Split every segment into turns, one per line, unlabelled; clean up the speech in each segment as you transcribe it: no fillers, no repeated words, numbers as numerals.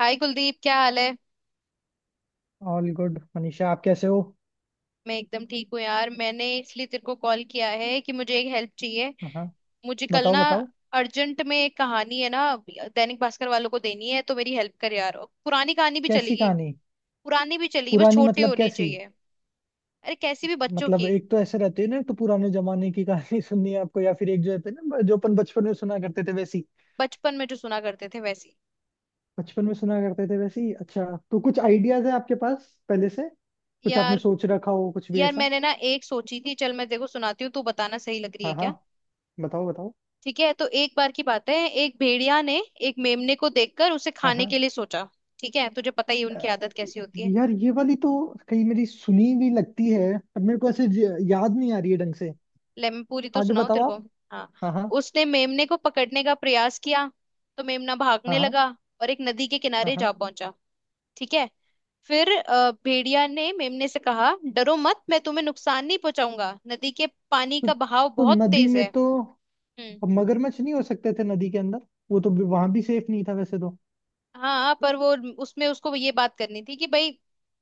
हाय कुलदीप, क्या हाल है।
All good Manisha. आप कैसे हो?
मैं एकदम ठीक हूँ यार। मैंने इसलिए तेरे को कॉल किया है कि मुझे एक हेल्प चाहिए।
हाँ।
मुझे कल
बताओ
ना
बताओ।
अर्जेंट में एक कहानी है ना, दैनिक भास्कर वालों को देनी है, तो मेरी हेल्प कर यार। पुरानी कहानी भी
कैसी
चलेगी।
कहानी?
पुरानी भी चलेगी, बस
पुरानी
छोटी
मतलब
होनी
कैसी?
चाहिए। अरे कैसी भी, बच्चों
मतलब
की।
एक तो ऐसे रहते हैं ना, एक तो पुराने जमाने की कहानी सुननी है आपको, या फिर एक जो रहते हैं ना, जो अपन बचपन में सुना करते थे वैसी।
बचपन में जो सुना करते थे वैसी।
बचपन में सुना करते थे वैसी। अच्छा। तो कुछ आइडियाज है आपके पास पहले से? कुछ आपने
यार
सोच रखा हो, कुछ भी
यार
ऐसा?
मैंने ना एक सोची थी, चल मैं देखो सुनाती हूँ, तू बताना सही लग रही है
हाँ हाँ।
क्या।
बताओ बताओ।
ठीक है, तो एक बार की बात है। एक भेड़िया ने एक मेमने को देखकर उसे
हाँ
खाने
हाँ।
के लिए सोचा। ठीक है, तुझे पता ही है
अ,
उनकी आदत कैसी होती है।
यार ये वाली तो कहीं मेरी सुनी भी लगती है, पर मेरे को ऐसे याद नहीं आ रही है ढंग से।
ले मैं पूरी तो
आगे
सुनाऊं
बताओ
तेरे को।
आप।
हाँ।
हाँ हाँ।
उसने मेमने को पकड़ने का प्रयास किया तो मेमना
हाँ
भागने
हाँ
लगा, और एक नदी के किनारे
हाँ।
जा पहुंचा। ठीक है। फिर भेड़िया ने मेमने से कहा, डरो मत, मैं तुम्हें नुकसान नहीं पहुंचाऊंगा, नदी के पानी
तो,
का बहाव
तो
बहुत
नदी
तेज
में
है।
तो
हम्म।
अब मगरमच्छ नहीं हो सकते थे नदी के अंदर। वो तो वहां भी सेफ नहीं था वैसे तो।
हाँ पर वो, उसमें उसको ये बात करनी थी कि भाई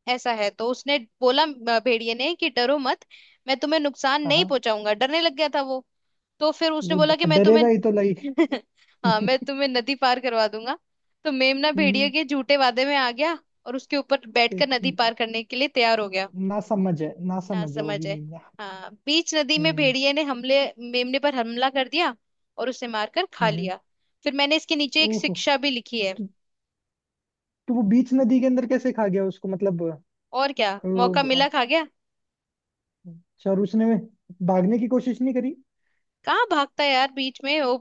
ऐसा है। तो उसने बोला भेड़िए ने कि डरो मत, मैं तुम्हें नुकसान नहीं
हाँ।
पहुंचाऊंगा। डरने लग गया था वो। तो फिर उसने
वो
बोला कि मैं तुम्हें—
डरेगा ही तो, लाइक।
हाँ,
हम्म,
मैं तुम्हें नदी पार करवा दूंगा। तो मेमना भेड़िए के झूठे वादे में आ गया, और उसके ऊपर बैठकर
एक
नदी पार करने के लिए तैयार हो गया।
ना समझ है, ना
ना
समझ है वो
समझ
भी
है।
मीम।
हाँ, बीच नदी में
हम्म
भेड़िए ने हमले, मेमने पर हमला कर दिया और उसे मारकर खा
हम्म।
लिया। फिर मैंने इसके नीचे एक
ओहो।
शिक्षा भी लिखी है।
तो, तो वो बीच नदी के अंदर कैसे खा गया उसको? मतलब
और क्या, मौका मिला
अब-
खा गया।
अच्छा और उसने भागने की कोशिश नहीं करी?
कहाँ भागता है यार बीच में वो,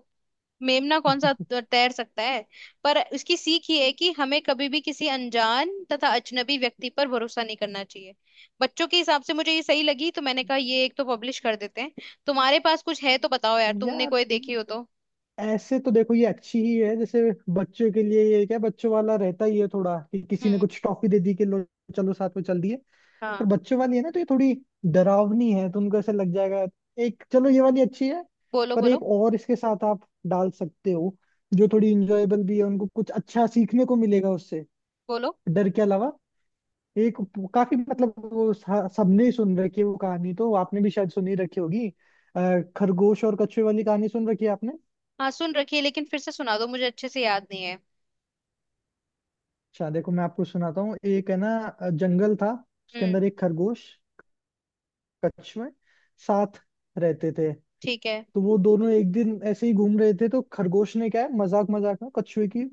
मेमना कौन सा तैर सकता है। पर इसकी सीख ये है कि हमें कभी भी किसी अनजान तथा अजनबी व्यक्ति पर भरोसा नहीं करना चाहिए। बच्चों के हिसाब से मुझे ये सही लगी, तो मैंने कहा ये एक तो पब्लिश कर देते हैं। तुम्हारे पास कुछ है तो बताओ यार, तुमने
यार
कोई देखी हो तो।
ऐसे तो देखो ये अच्छी ही है, जैसे बच्चों के लिए ये क्या बच्चों वाला रहता ही है थोड़ा, कि किसी ने
हम्म।
कुछ टॉफी दे दी कि लो चलो साथ में चल दिए। पर
हाँ।
बच्चों वाली है ना, तो ये थोड़ी डरावनी है, तो उनको ऐसा लग जाएगा। एक चलो ये वाली अच्छी है।
बोलो,
पर
बोलो।
एक और इसके साथ आप डाल सकते हो, जो थोड़ी इंजॉयबल भी है, उनको कुछ अच्छा सीखने को मिलेगा उससे,
बोलो।
डर के अलावा। एक काफी मतलब वो सबने ही सुन रखी है वो कहानी, तो आपने भी शायद सुनी रखी होगी। खरगोश और कछुए वाली कहानी सुन रखी है आपने?
हाँ सुन रखी है, लेकिन फिर से सुना दो, मुझे अच्छे से याद नहीं है।
अच्छा देखो मैं आपको सुनाता हूँ, एक है ना, जंगल था, उसके
हम्म।
अंदर एक खरगोश कछुए साथ रहते थे।
ठीक है।
तो वो दोनों एक दिन ऐसे ही घूम रहे थे, तो खरगोश ने क्या है मजाक मजाक में कछुए की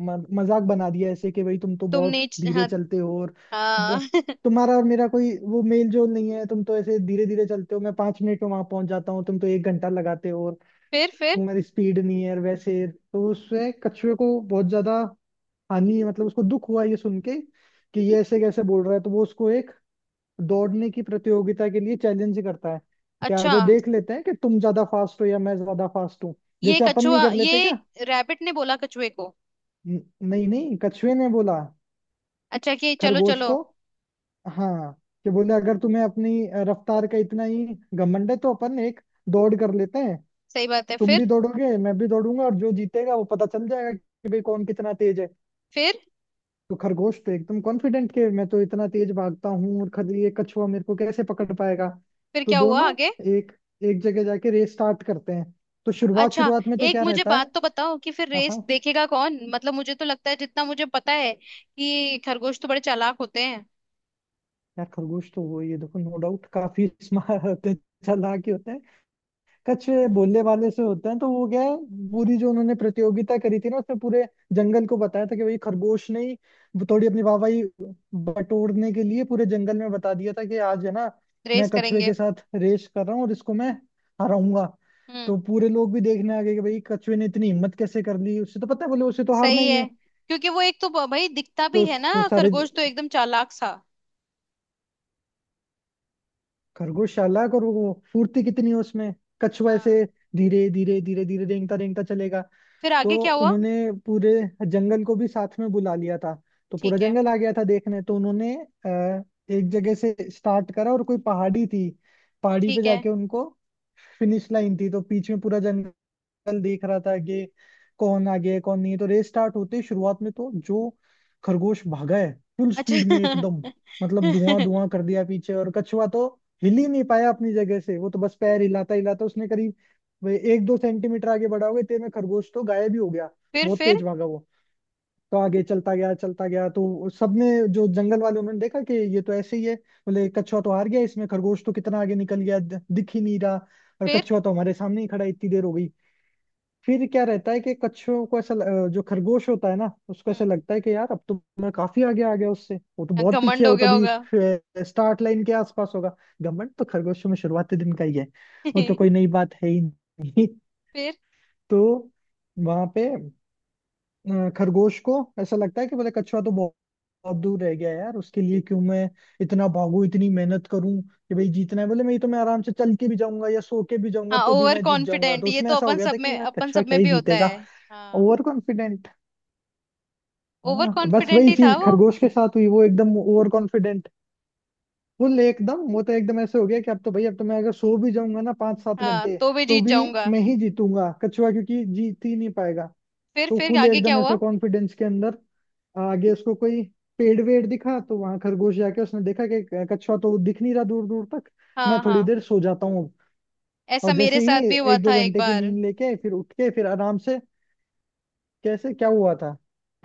मजाक बना दिया ऐसे कि भाई, तुम तो बहुत
तुमने
धीरे
हाँ।
चलते हो और
हाँ।
तुम्हारा और मेरा कोई वो मेल जोल नहीं है, तुम तो ऐसे धीरे धीरे चलते हो, मैं 5 मिनट में वहां पहुंच जाता हूँ, तुम तो 1 घंटा लगाते हो, और
फिर।
तुम्हारी स्पीड नहीं है। और वैसे तो उससे कछुए को बहुत ज्यादा हानि, मतलब उसको दुख हुआ ये सुन के कि ये ऐसे कैसे बोल रहा है, तो वो उसको एक दौड़ने की प्रतियोगिता के लिए चैलेंज करता है। क्या
अच्छा,
जो देख लेते हैं कि तुम ज्यादा फास्ट हो या मैं ज्यादा फास्ट हूँ,
ये
जैसे अपन नहीं
कछुआ,
कर लेते
ये
क्या?
रैबिट ने बोला कछुए को।
न- नहीं नहीं, कछुए ने बोला
अच्छा, कि चलो,
खरगोश
चलो।
को। हाँ। कि बोले, अगर तुम्हें अपनी रफ्तार का इतना ही घमंड है तो अपन एक दौड़ कर लेते हैं।
सही बात है।
तुम भी
फिर
दौड़ोगे, मैं भी दौड़ूंगा, और जो जीतेगा वो पता चल जाएगा कि भाई कौन कितना तेज है।
फिर
तो खरगोश तो एकदम कॉन्फिडेंट के मैं तो इतना तेज भागता हूँ, और खद ये कछुआ मेरे को कैसे पकड़ पाएगा।
फिर
तो
क्या हुआ
दोनों
आगे।
एक एक जगह जाके रेस स्टार्ट करते हैं। तो शुरुआत
अच्छा,
शुरुआत में तो
एक
क्या
मुझे
रहता है।
बात तो बताओ कि फिर
हाँ
रेस
हाँ।
देखेगा कौन, मतलब मुझे तो लगता है, जितना मुझे पता है कि खरगोश तो बड़े चालाक होते हैं।
यार खरगोश तो वो ये देखो, नो डाउट काफी स्मार्ट होते हैं, चालाक ही होते हैं। कछुए बोलने वाले से होते हैं, तो वो क्या है, पूरी जो उन्होंने प्रतियोगिता करी थी ना, उसमें पूरे जंगल को बताया था कि भाई खरगोश ने ही वो थोड़ी अपनी वाहवाही बटोरने के लिए पूरे जंगल में बता दिया था कि आज है ना मैं
रेस
कछुए
करेंगे।
के साथ रेस कर रहा हूँ और इसको मैं हराऊंगा।
हम्म।
तो पूरे लोग भी देखने आ गए कि भाई कछुए ने इतनी हिम्मत कैसे कर ली, उससे तो पता है, बोले उसे तो हारना
सही
ही
है,
है।
क्योंकि वो एक तो भाई दिखता भी
तो
है ना,
तो सारे
खरगोश तो एकदम चालाक सा।
खरगोश चालाक और वो फुर्ती कितनी है उसमें, कछुआ
हाँ।
ऐसे धीरे धीरे धीरे धीरे रेंगता रेंगता चलेगा।
फिर
तो
आगे क्या हुआ।
उन्होंने पूरे जंगल को भी साथ में बुला लिया था। तो पूरा
ठीक है।
जंगल आ गया था देखने। तो उन्होंने एक जगह से स्टार्ट करा और कोई पहाड़ी थी, पहाड़ी पे
ठीक है।
जाके उनको फिनिश लाइन थी। तो बीच में पूरा जंगल कल देख रहा था कि कौन आगे है कौन नहीं है, तो रेस स्टार्ट होते ही शुरुआत में तो जो खरगोश भागा है फुल स्पीड में
अच्छा।
एकदम, मतलब धुआं धुआं कर दिया पीछे, और कछुआ तो हिल ही नहीं पाया अपनी जगह से। वो तो बस पैर हिलाता हिलाता उसने करीब वे एक दो सेंटीमीटर आगे बढ़ा होगा, इतने में खरगोश तो गायब ही हो गया।
फिर।
बहुत तेज भागा वो। तो आगे चलता गया चलता गया, तो सबने जो जंगल वाले उन्होंने देखा कि ये तो ऐसे ही है, बोले कछुआ तो हार गया इसमें, खरगोश तो कितना आगे निकल गया, दिख ही नहीं रहा, और
फिर
कछुआ तो हमारे सामने ही खड़ा है, इतनी देर हो गई। फिर क्या रहता है कि कच्छुओं को ऐसा जो खरगोश होता है ना उसको ऐसा
हम्म।
लगता है कि यार, अब तो मैं काफी आगे आ गया उससे, वो तो बहुत पीछे
घमंड
है,
हो
वो तो
गया
अभी
होगा।
स्टार्ट लाइन के आसपास होगा। घमंड तो खरगोशों में शुरुआती दिन का ही है, वो तो कोई नई बात है ही नहीं।
फिर।
तो वहां पे खरगोश को ऐसा लगता है कि बोले कछुआ तो बहुत बहुत दूर रह गया है यार, उसके लिए क्यों मैं इतना भागू, इतनी मेहनत करूं कि भाई जीतना है, बोले मैं तो मैं आराम से चल के भी जाऊंगा या सो के भी जाऊंगा
हाँ
तो भी
ओवर
मैं जीत जाऊंगा।
कॉन्फिडेंट,
तो
ये
उसमें
तो
ऐसा हो
अपन
गया
सब
था कि
में
यार
अपन
कछुआ
सब
क्या
में
ही
भी होता
जीतेगा।
है। हाँ।
ओवर कॉन्फिडेंट है
ओवर
ना, तो बस
कॉन्फिडेंट
वही
ही
चीज
था वो।
खरगोश के साथ हुई। वो एकदम ओवर कॉन्फिडेंट फुल एकदम, वो तो एकदम ऐसे हो गया कि अब तो भाई, अब तो मैं अगर सो भी जाऊंगा ना पांच सात
हाँ
घंटे
तो मैं
तो
जीत
भी
जाऊंगा।
मैं ही जीतूंगा, कछुआ क्योंकि जीत ही नहीं पाएगा।
फिर
तो
फिर
फुल
आगे क्या
एकदम
हुआ।
ऐसे कॉन्फिडेंस के अंदर आगे उसको कोई पेड़ वेड़ दिखा, तो वहां खरगोश जाके उसने देखा कि कछुआ तो दिख नहीं रहा दूर दूर तक, मैं
हाँ,
थोड़ी
हाँ।
देर सो जाता हूँ।
ऐसा
और जैसे
मेरे साथ
ही
भी हुआ
एक दो
था एक
घंटे की
बार।
नींद लेके फिर उठ के फिर आराम से, कैसे क्या हुआ था?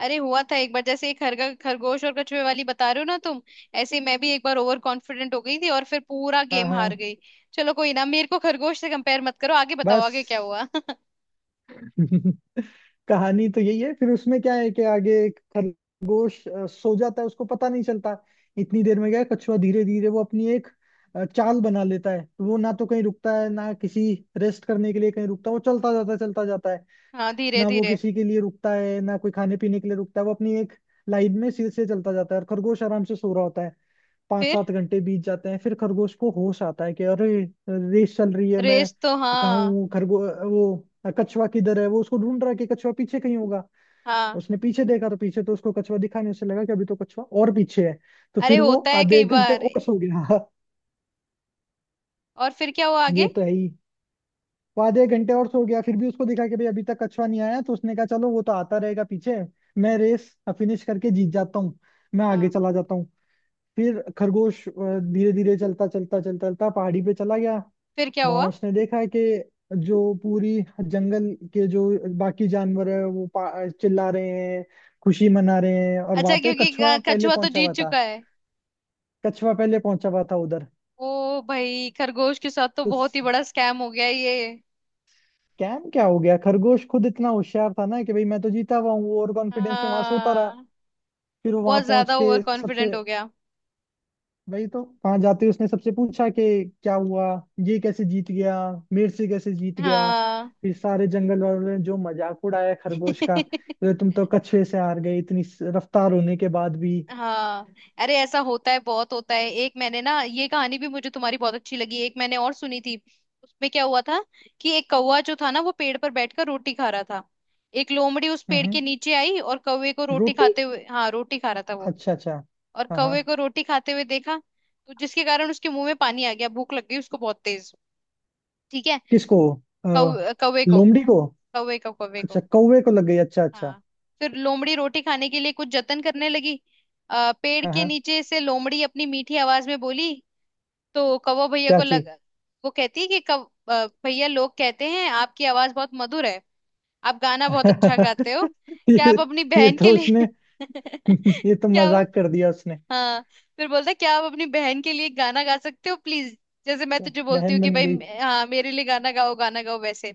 अरे हुआ था एक बार, जैसे एक खरगा खरगोश और कछुए वाली बता रहे हो ना तुम, ऐसे मैं भी एक बार ओवर कॉन्फिडेंट हो गई थी और फिर पूरा
हाँ
गेम हार
हाँ।
गई। चलो कोई ना, मेरे को खरगोश से कंपेयर मत करो, आगे बताओ,
बस
आगे क्या हुआ।
कहानी तो यही है। फिर उसमें क्या है कि आगे एक खरगोश सो जाता है उसको पता नहीं चलता। इतनी देर में क्या है, कछुआ धीरे धीरे वो अपनी एक चाल बना लेता है, तो वो ना तो कहीं रुकता है, ना किसी रेस्ट करने के लिए कहीं रुकता है। वो चलता जाता है चलता जाता है,
हाँ, धीरे
ना वो
धीरे।
किसी के लिए रुकता है, ना कोई खाने पीने के लिए रुकता है। वो अपनी एक लाइन में सिर से चलता जाता है, और खरगोश आराम से सो रहा होता है। पांच
फिर।
सात घंटे बीत जाते हैं, फिर खरगोश को होश आता है कि अरे रेस चल रही है, मैं
रेस तो,
कहाँ
हाँ।
हूँ? खरगो वो कछुआ किधर है, वो उसको ढूंढ रहा है कि कछुआ पीछे कहीं होगा।
हाँ।
उसने पीछे देखा, तो पीछे तो उसको कछुआ दिखा नहीं। उसे लगा कि अभी तो कछुआ और पीछे है, तो
अरे
फिर वो
होता है
आधे
कई
एक घंटे
बार।
और सो गया।
और फिर क्या हुआ आगे।
ये तो है ही। वो आधे एक घंटे और सो गया, फिर भी उसको दिखा कि भाई अभी तक कछुआ नहीं आया, तो उसने कहा चलो वो तो आता रहेगा पीछे, मैं रेस फिनिश करके जीत जाता हूँ, मैं आगे
हाँ।
चला जाता हूँ। फिर खरगोश धीरे धीरे चलता चलता चलता चलता पहाड़ी पे चला गया।
फिर क्या हुआ।
वहां उसने देखा है कि जो पूरी जंगल के जो बाकी जानवर है वो चिल्ला रहे हैं, खुशी मना रहे हैं, और
अच्छा,
वहां पे
क्योंकि
कछुआ पहले
कछुआ तो
पहुंचा हुआ
जीत
था।
चुका है।
कछुआ पहले पहुंचा हुआ था उधर।
ओ भाई, खरगोश के साथ तो
तो
बहुत ही बड़ा स्कैम हो गया ये।
स्कैम क्या हो गया, खरगोश खुद इतना होशियार था ना कि भाई मैं तो जीता हुआ हूँ, और कॉन्फिडेंस में वहां सोता रहा।
हाँ।
फिर वो वहां
बहुत
पहुंच
ज्यादा
के
ओवर
सबसे,
कॉन्फिडेंट हो गया।
वही तो, वहां जाते ही उसने सबसे पूछा कि क्या हुआ, ये कैसे जीत गया, मेरे से कैसे जीत गया।
हाँ।
फिर सारे जंगल वालों ने जो मजाक उड़ाया खरगोश का, बोले तुम तो कछुए से हार गए इतनी रफ्तार होने के बाद भी।
हाँ। अरे ऐसा होता है, बहुत होता है। एक मैंने ना ये कहानी भी, मुझे तुम्हारी बहुत अच्छी लगी। एक मैंने और सुनी थी। उसमें क्या हुआ था कि एक कौवा जो था ना, वो पेड़ पर बैठकर रोटी खा रहा था। एक लोमड़ी उस पेड़
हम्म।
के नीचे आई और कौवे को रोटी
रोटी।
खाते हुए, हाँ रोटी खा रहा था वो,
अच्छा अच्छा।
और
हाँ हाँ।
कौवे को रोटी खाते हुए देखा। तो जिसके कारण उसके मुंह में पानी आ गया, भूख लग गई उसको बहुत तेज। ठीक है।
किसको? अ,
कौवे को।
लोमड़ी को?
कौवे को, कौवे
अच्छा
को।
कौवे को लग गई। अच्छा अच्छा।
हाँ। फिर लोमड़ी रोटी खाने के लिए कुछ जतन करने लगी। पेड़
हाँ
के
हाँ।
नीचे से लोमड़ी अपनी मीठी आवाज में बोली। तो कौवा भैया
क्या
को
चीज?
लगा। वो कहती है कि कौ भैया, लोग कहते हैं आपकी आवाज बहुत मधुर है, आप गाना बहुत अच्छा गाते हो। क्या
ये
आप अपनी
ये
बहन के
तो उसने
लिए—
ये तो
क्या वो-
मजाक कर दिया उसने।
हाँ, फिर बोलता है, क्या आप अपनी बहन के लिए गाना गा सकते हो प्लीज। जैसे मैं तुझे बोलती हूँ
बहन
कि
बन गई।
भाई, हाँ मेरे लिए गाना गाओ, गाना गाओ, वैसे।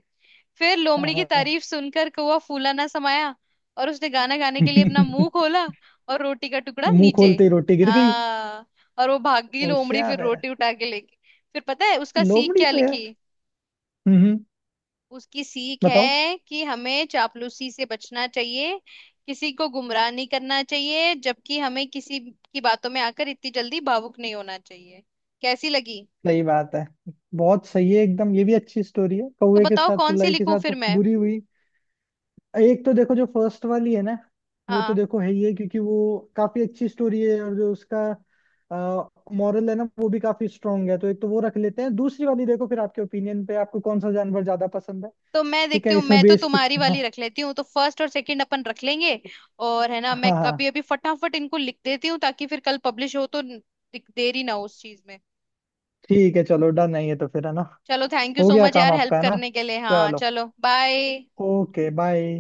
फिर
हाँ
लोमड़ी की
हाँ।
तारीफ सुनकर कौवा फूला ना समाया, और उसने गाना गाने के लिए अपना मुंह खोला, और रोटी का टुकड़ा
मुंह
नीचे।
खोलते ही रोटी गिर गई।
हाँ। और वो भाग गई लोमड़ी, फिर
होशियार है।
रोटी उठा के लेके। फिर पता है उसका सीख
लोमड़ी
क्या
तो यार।
लिखी।
हम्म।
उसकी सीख
बताओ।
है कि हमें चापलूसी से बचना चाहिए, किसी को गुमराह नहीं करना चाहिए, जबकि हमें किसी की बातों में आकर इतनी जल्दी भावुक नहीं होना चाहिए। कैसी लगी।
सही बात है। बहुत सही है एकदम। ये भी अच्छी स्टोरी है,
तो
कौवे के
बताओ
साथ तो,
कौन सी
लाई के
लिखूं
साथ
फिर
तो
मैं।
बुरी हुई। एक तो देखो जो फर्स्ट वाली है ना, वो तो
हाँ।
देखो है ही है, क्योंकि वो काफी अच्छी स्टोरी है और जो उसका मॉरल है ना वो भी काफी स्ट्रांग है, तो एक तो वो रख लेते हैं। दूसरी वाली देखो फिर आपके ओपिनियन पे, आपको कौन सा जानवर ज्यादा पसंद है।
तो मैं
ठीक
देखती
है
हूँ,
इसमें
मैं तो
बेस्ट।
तुम्हारी वाली
हाँ।
रख लेती हूँ, तो फर्स्ट और सेकंड अपन रख लेंगे। और है ना, मैं
हाँ हाँ।
अभी अभी फटाफट इनको लिख देती हूँ, ताकि फिर कल पब्लिश हो तो देरी ना हो उस चीज में।
ठीक है चलो डन है ये तो फिर, है ना?
चलो, थैंक यू
हो
सो
गया
मच
काम
यार, हेल्प
आपका, है ना?
करने के लिए। हाँ
चलो,
चलो, बाय।
Okay, bye.